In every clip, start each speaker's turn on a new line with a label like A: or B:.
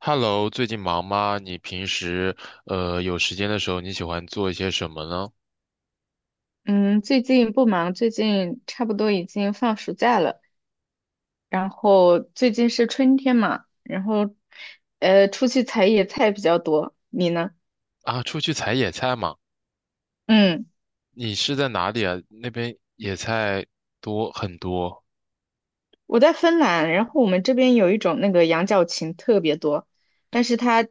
A: Hello，最近忙吗？你平时有时间的时候，你喜欢做一些什么呢？
B: 嗯，最近不忙，最近差不多已经放暑假了，然后最近是春天嘛，然后出去采野菜比较多。你呢？
A: 啊，出去采野菜嘛？
B: 嗯，
A: 你是在哪里啊？那边野菜多很多
B: 我在芬兰，然后我们这边有一种那个羊角芹特别多，但是它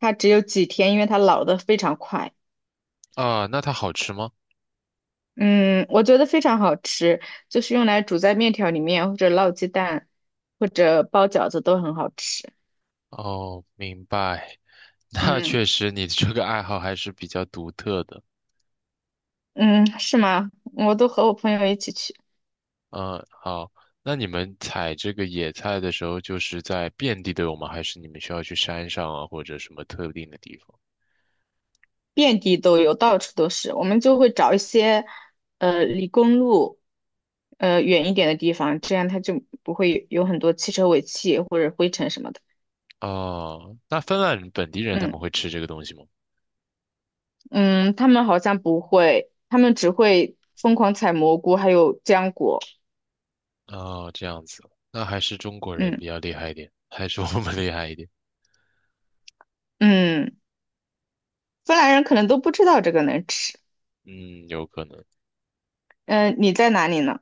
B: 它只有几天，因为它老得非常快。
A: 啊，那它好吃吗？
B: 嗯，我觉得非常好吃，就是用来煮在面条里面，或者烙鸡蛋，或者包饺子都很好吃。
A: 哦，明白。那
B: 嗯
A: 确实，你这个爱好还是比较独特的。
B: 嗯，是吗？我都和我朋友一起去。
A: 嗯，好。那你们采这个野菜的时候，就是在遍地都有吗？还是你们需要去山上啊，或者什么特定的地方？
B: 遍地都有，到处都是。我们就会找一些，离公路，远一点的地方，这样它就不会有很多汽车尾气或者灰尘什么的。
A: 哦，那芬兰人本地人他
B: 嗯
A: 们会吃这个东西吗？
B: 嗯，他们好像不会，他们只会疯狂采蘑菇，还有浆果。
A: 哦，这样子，那还是中国人比
B: 嗯
A: 较厉害一点，还是我们厉害一点？
B: 嗯，芬兰人可能都不知道这个能吃。
A: 嗯，有可能。
B: 嗯、你在哪里呢？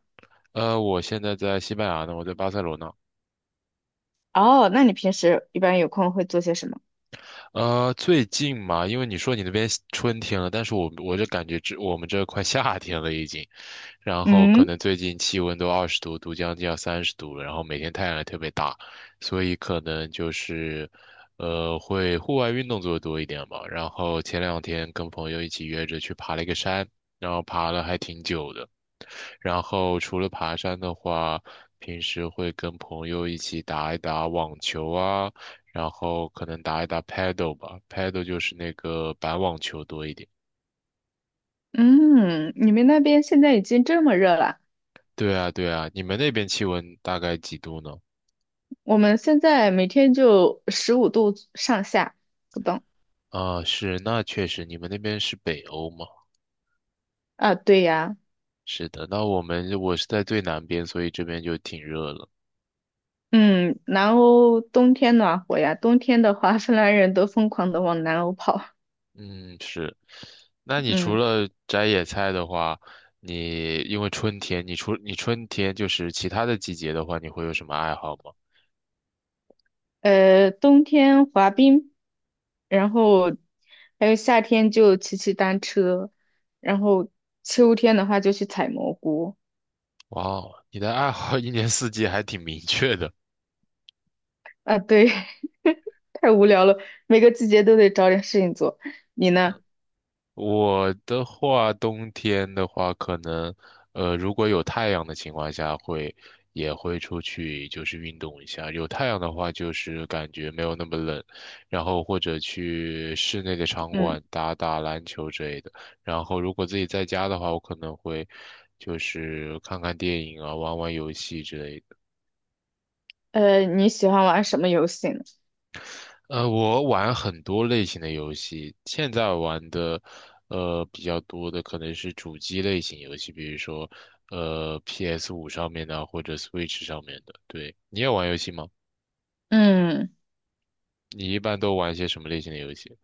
A: 我现在在西班牙呢，我在巴塞罗那。
B: 哦，那你平时一般有空会做些什么？
A: 最近嘛，因为你说你那边春天了，但是我就感觉这我们这快夏天了已经。然后可
B: 嗯
A: 能最近气温都20度，都将近要30度了，然后每天太阳也特别大，所以可能就是，会户外运动做的多一点吧。然后前两天跟朋友一起约着去爬了一个山，然后爬了还挺久的。然后除了爬山的话，平时会跟朋友一起打一打网球啊，然后可能打一打 paddle 吧，paddle 就是那个板网球多一点。
B: 嗯，你们那边现在已经这么热了？
A: 对啊，对啊，你们那边气温大概几度呢？
B: 我们现在每天就15度上下不等。
A: 啊，是，那确实，你们那边是北欧吗？
B: 啊，对呀，
A: 是的，那我是在最南边，所以这边就挺热了。
B: 嗯，南欧冬天暖和呀，冬天的话，芬兰人都疯狂的往南欧跑，
A: 嗯，是。那你除
B: 嗯，
A: 了摘野菜的话，你因为春天，你春天就是其他的季节的话，你会有什么爱好吗？
B: 冬天滑冰，然后还有夏天就骑骑单车，然后秋天的话就去采蘑菇。
A: 哇哦，你的爱好 一年四季还挺明确的。
B: 啊，对，太无聊了，每个季节都得找点事情做。你呢？
A: 我的话，冬天的话，可能，如果有太阳的情况下会，也会出去就是运动一下。有太阳的话，就是感觉没有那么冷，然后或者去室内的场
B: 嗯，
A: 馆打打篮球之类的。然后如果自己在家的话，我可能会就是看看电影啊，玩玩游戏之类的。
B: 你喜欢玩什么游戏呢？
A: 我玩很多类型的游戏，现在玩的，比较多的可能是主机类型游戏，比如说，PS5上面的或者 Switch 上面的。对，你也玩游戏吗？
B: 嗯。
A: 你一般都玩一些什么类型的游戏？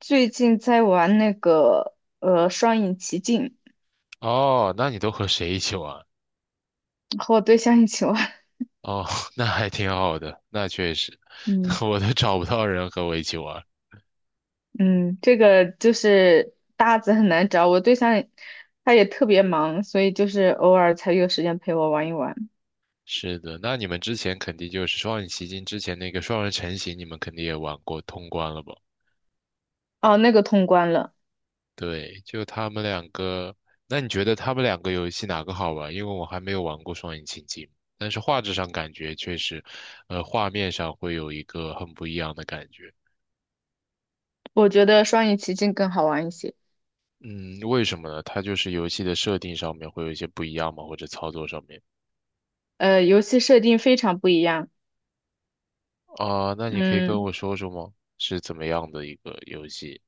B: 最近在玩那个《双影奇境》，
A: 哦，那你都和谁一起玩？
B: 和我对象一起玩。
A: 哦，那还挺好的，那确实，
B: 嗯，
A: 我都找不到人和我一起玩。
B: 嗯，这个就是搭子很难找，我对象他也特别忙，所以就是偶尔才有时间陪我玩一玩。
A: 是的，那你们之前肯定就是《双影奇境》之前那个双人成行，你们肯定也玩过通关了吧？
B: 哦，那个通关了，
A: 对，就他们两个。那你觉得他们两个游戏哪个好玩？因为我还没有玩过双引擎机，但是画质上感觉确实，画面上会有一个很不一样的感觉。
B: 我觉得《双影奇境》更好玩一些。
A: 嗯，为什么呢？它就是游戏的设定上面会有一些不一样吗？或者操作上面
B: 呃，游戏设定非常不一样。
A: 啊，那你可以跟
B: 嗯，
A: 我说说吗？是怎么样的一个游戏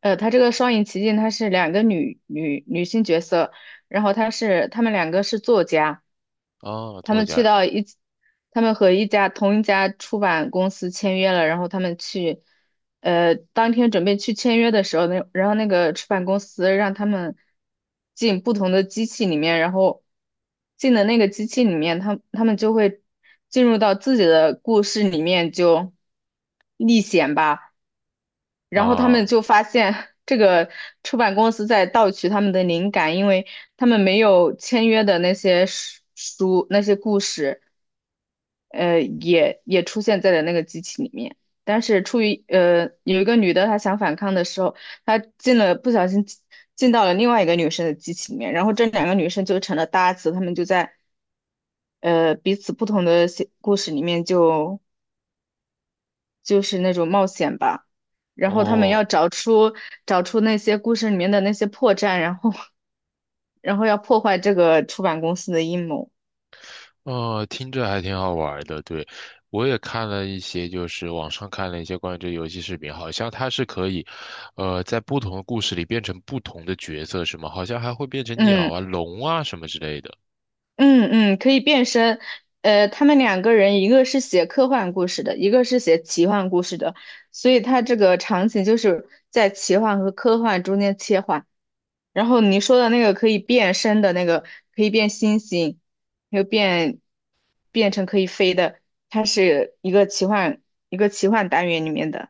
B: 它这个《双影奇境》它是两个女性角色，然后她们两个是作家。
A: 啊？
B: 他
A: 作
B: 们去
A: 家
B: 到一起他们和同一家出版公司签约了，然后他们去，当天准备去签约的时候，然后那个出版公司让他们进不同的机器里面，然后进的那个机器里面，他们就会进入到自己的故事里面就历险吧。然后他们
A: 啊，
B: 就发现 这个出版公司在盗取他们的灵感，因为他们没有签约的那些书那些故事，也出现在了那个机器里面。但是出于有一个女的她想反抗的时候，她不小心进到了另外一个女生的机器里面，然后这两个女生就成了搭子，他们就在彼此不同的写故事里面就就是那种冒险吧。然后他们
A: 哦，
B: 要找出那些故事里面的那些破绽，然后然后要破坏这个出版公司的阴谋。
A: 听着还挺好玩儿的，对，我也看了一些，就是网上看了一些关于这个游戏视频，好像它是可以，在不同的故事里变成不同的角色，是吗？好像还会变成鸟
B: 嗯
A: 啊、龙啊什么之类的。
B: 嗯嗯，可以变身。呃，他们两个人，一个是写科幻故事的，一个是写奇幻故事的，所以他这个场景就是在奇幻和科幻中间切换。然后你说的那个可以变身的那个，可以变星星，又变变成可以飞的，它是一个奇幻单元里面的。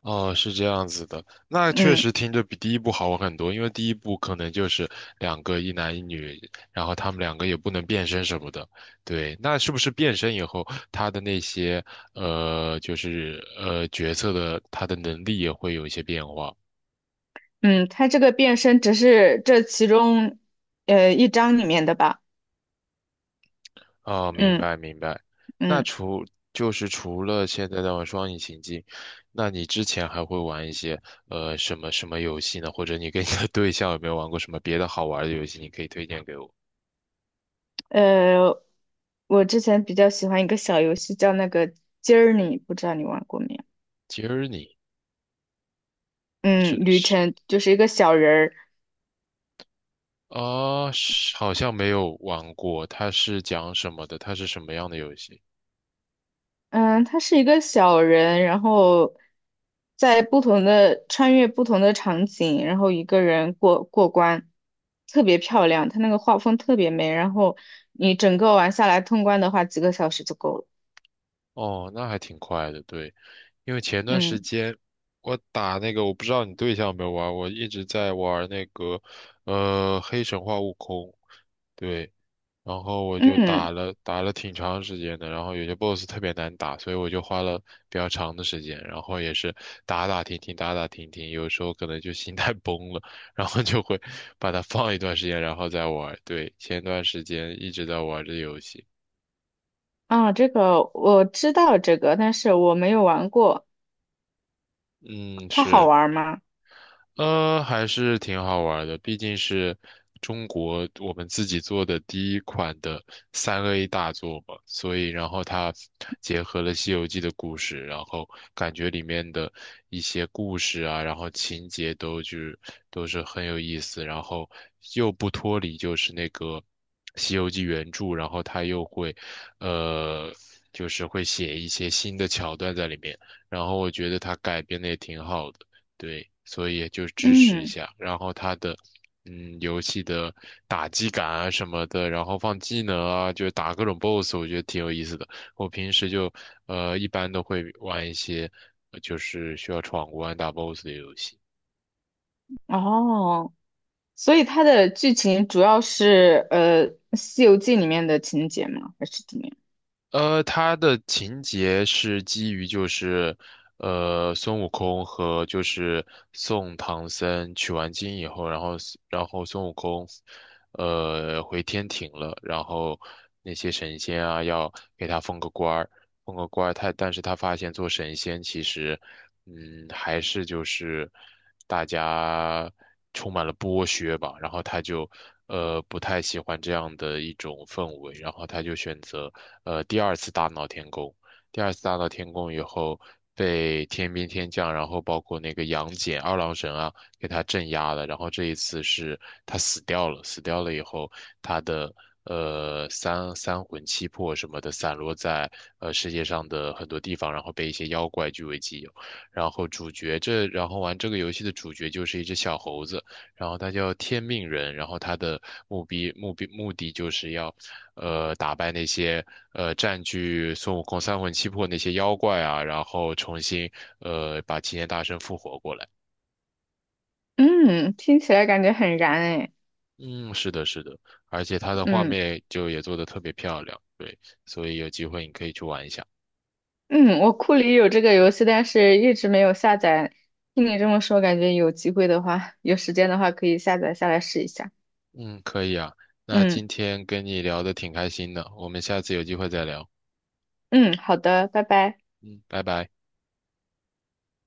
A: 哦，是这样子的，那确
B: 嗯
A: 实听着比第一部好玩很多，因为第一部可能就是两个一男一女，然后他们两个也不能变身什么的。对，那是不是变身以后，他的那些就是角色的他的能力也会有一些变化？
B: 嗯，它这个变身只是这其中一章里面的吧。
A: 哦，明
B: 嗯
A: 白明白。那
B: 嗯
A: 除就是除了现在的双引擎机，那你之前还会玩一些什么什么游戏呢？或者你跟你的对象有没有玩过什么别的好玩的游戏？你可以推荐给我。
B: 呃，我之前比较喜欢一个小游戏叫那个 j 儿》，你不知道你玩过没有？
A: j o u，
B: 嗯，
A: 是
B: 旅
A: 是
B: 程就是一个小人儿。
A: 啊，是好像没有玩过，它是讲什么的？它是什么样的游戏？
B: 嗯，他是一个小人，然后在不同的穿越不同的场景，然后一个人过过关，特别漂亮。他那个画风特别美，然后你整个玩下来通关的话，几个小时就够了。
A: 哦，那还挺快的，对，因为前段
B: 嗯
A: 时间我打那个，我不知道你对象有没有玩，我一直在玩那个，黑神话悟空，对，然后我就
B: 嗯
A: 打了挺长时间的，然后有些 BOSS 特别难打，所以我就花了比较长的时间，然后也是打打停停，打打停停，有时候可能就心态 崩了，然后就会把它放一段时间，然后再玩，对，前段时间一直在玩这游戏，
B: 啊，这个我知道这个，但是我没有玩过。
A: 嗯，
B: 它好
A: 是。
B: 玩吗？
A: 还是挺好玩儿的，毕竟是中国我们自己做的第一款的3A 大作嘛，所以然后它结合了《西游记》的故事，然后感觉里面的一些故事啊，然后情节都就是都是很有意思，然后又不脱离就是那个《西游记》原著，然后它又会呃就是会写一些新的桥段在里面，然后我觉得它改编的也挺好的。对，所以就支持一
B: 嗯
A: 下。然后它的，嗯，游戏的打击感啊什么的，然后放技能啊，就打各种 BOSS，我觉得挺有意思的。我平时就，一般都会玩一些，就是需要闯关打 BOSS 的游戏。
B: 哦，所以它的剧情主要是《西游记》里面的情节吗？还是怎么样？
A: 它的情节是基于就是，孙悟空和就是送唐僧取完经以后，然后孙悟空，回天庭了，然后那些神仙啊要给他封个官儿，封个官儿，但是他发现做神仙其实。嗯，还是就是大家充满了剥削吧，然后他就不太喜欢这样的一种氛围，然后他就选择第二次大闹天宫。第二次大闹天宫以后，被天兵天将，然后包括那个杨戬、二郎神啊，给他镇压了。然后这一次是他死掉了，死掉了以后，他的三魂七魄什么的散落在世界上的很多地方，然后被一些妖怪据为己有。然后主角这，然后玩这个游戏的主角就是一只小猴子，然后它叫天命人，然后它的目的就是要，打败那些占据孙悟空三魂七魄那些妖怪啊，然后重新把齐天大圣复活过来。
B: 嗯，听起来感觉很燃哎。
A: 嗯，是的，是的，而且它的画
B: 嗯
A: 面就也做的特别漂亮，对，所以有机会你可以去玩一下。
B: 嗯，我库里有这个游戏，但是一直没有下载。听你这么说，感觉有机会的话，有时间的话可以下载下来试一下。
A: 嗯，可以啊，那
B: 嗯
A: 今天跟你聊的挺开心的，我们下次有机会再聊。
B: 嗯，好的，拜拜。
A: 嗯，拜拜。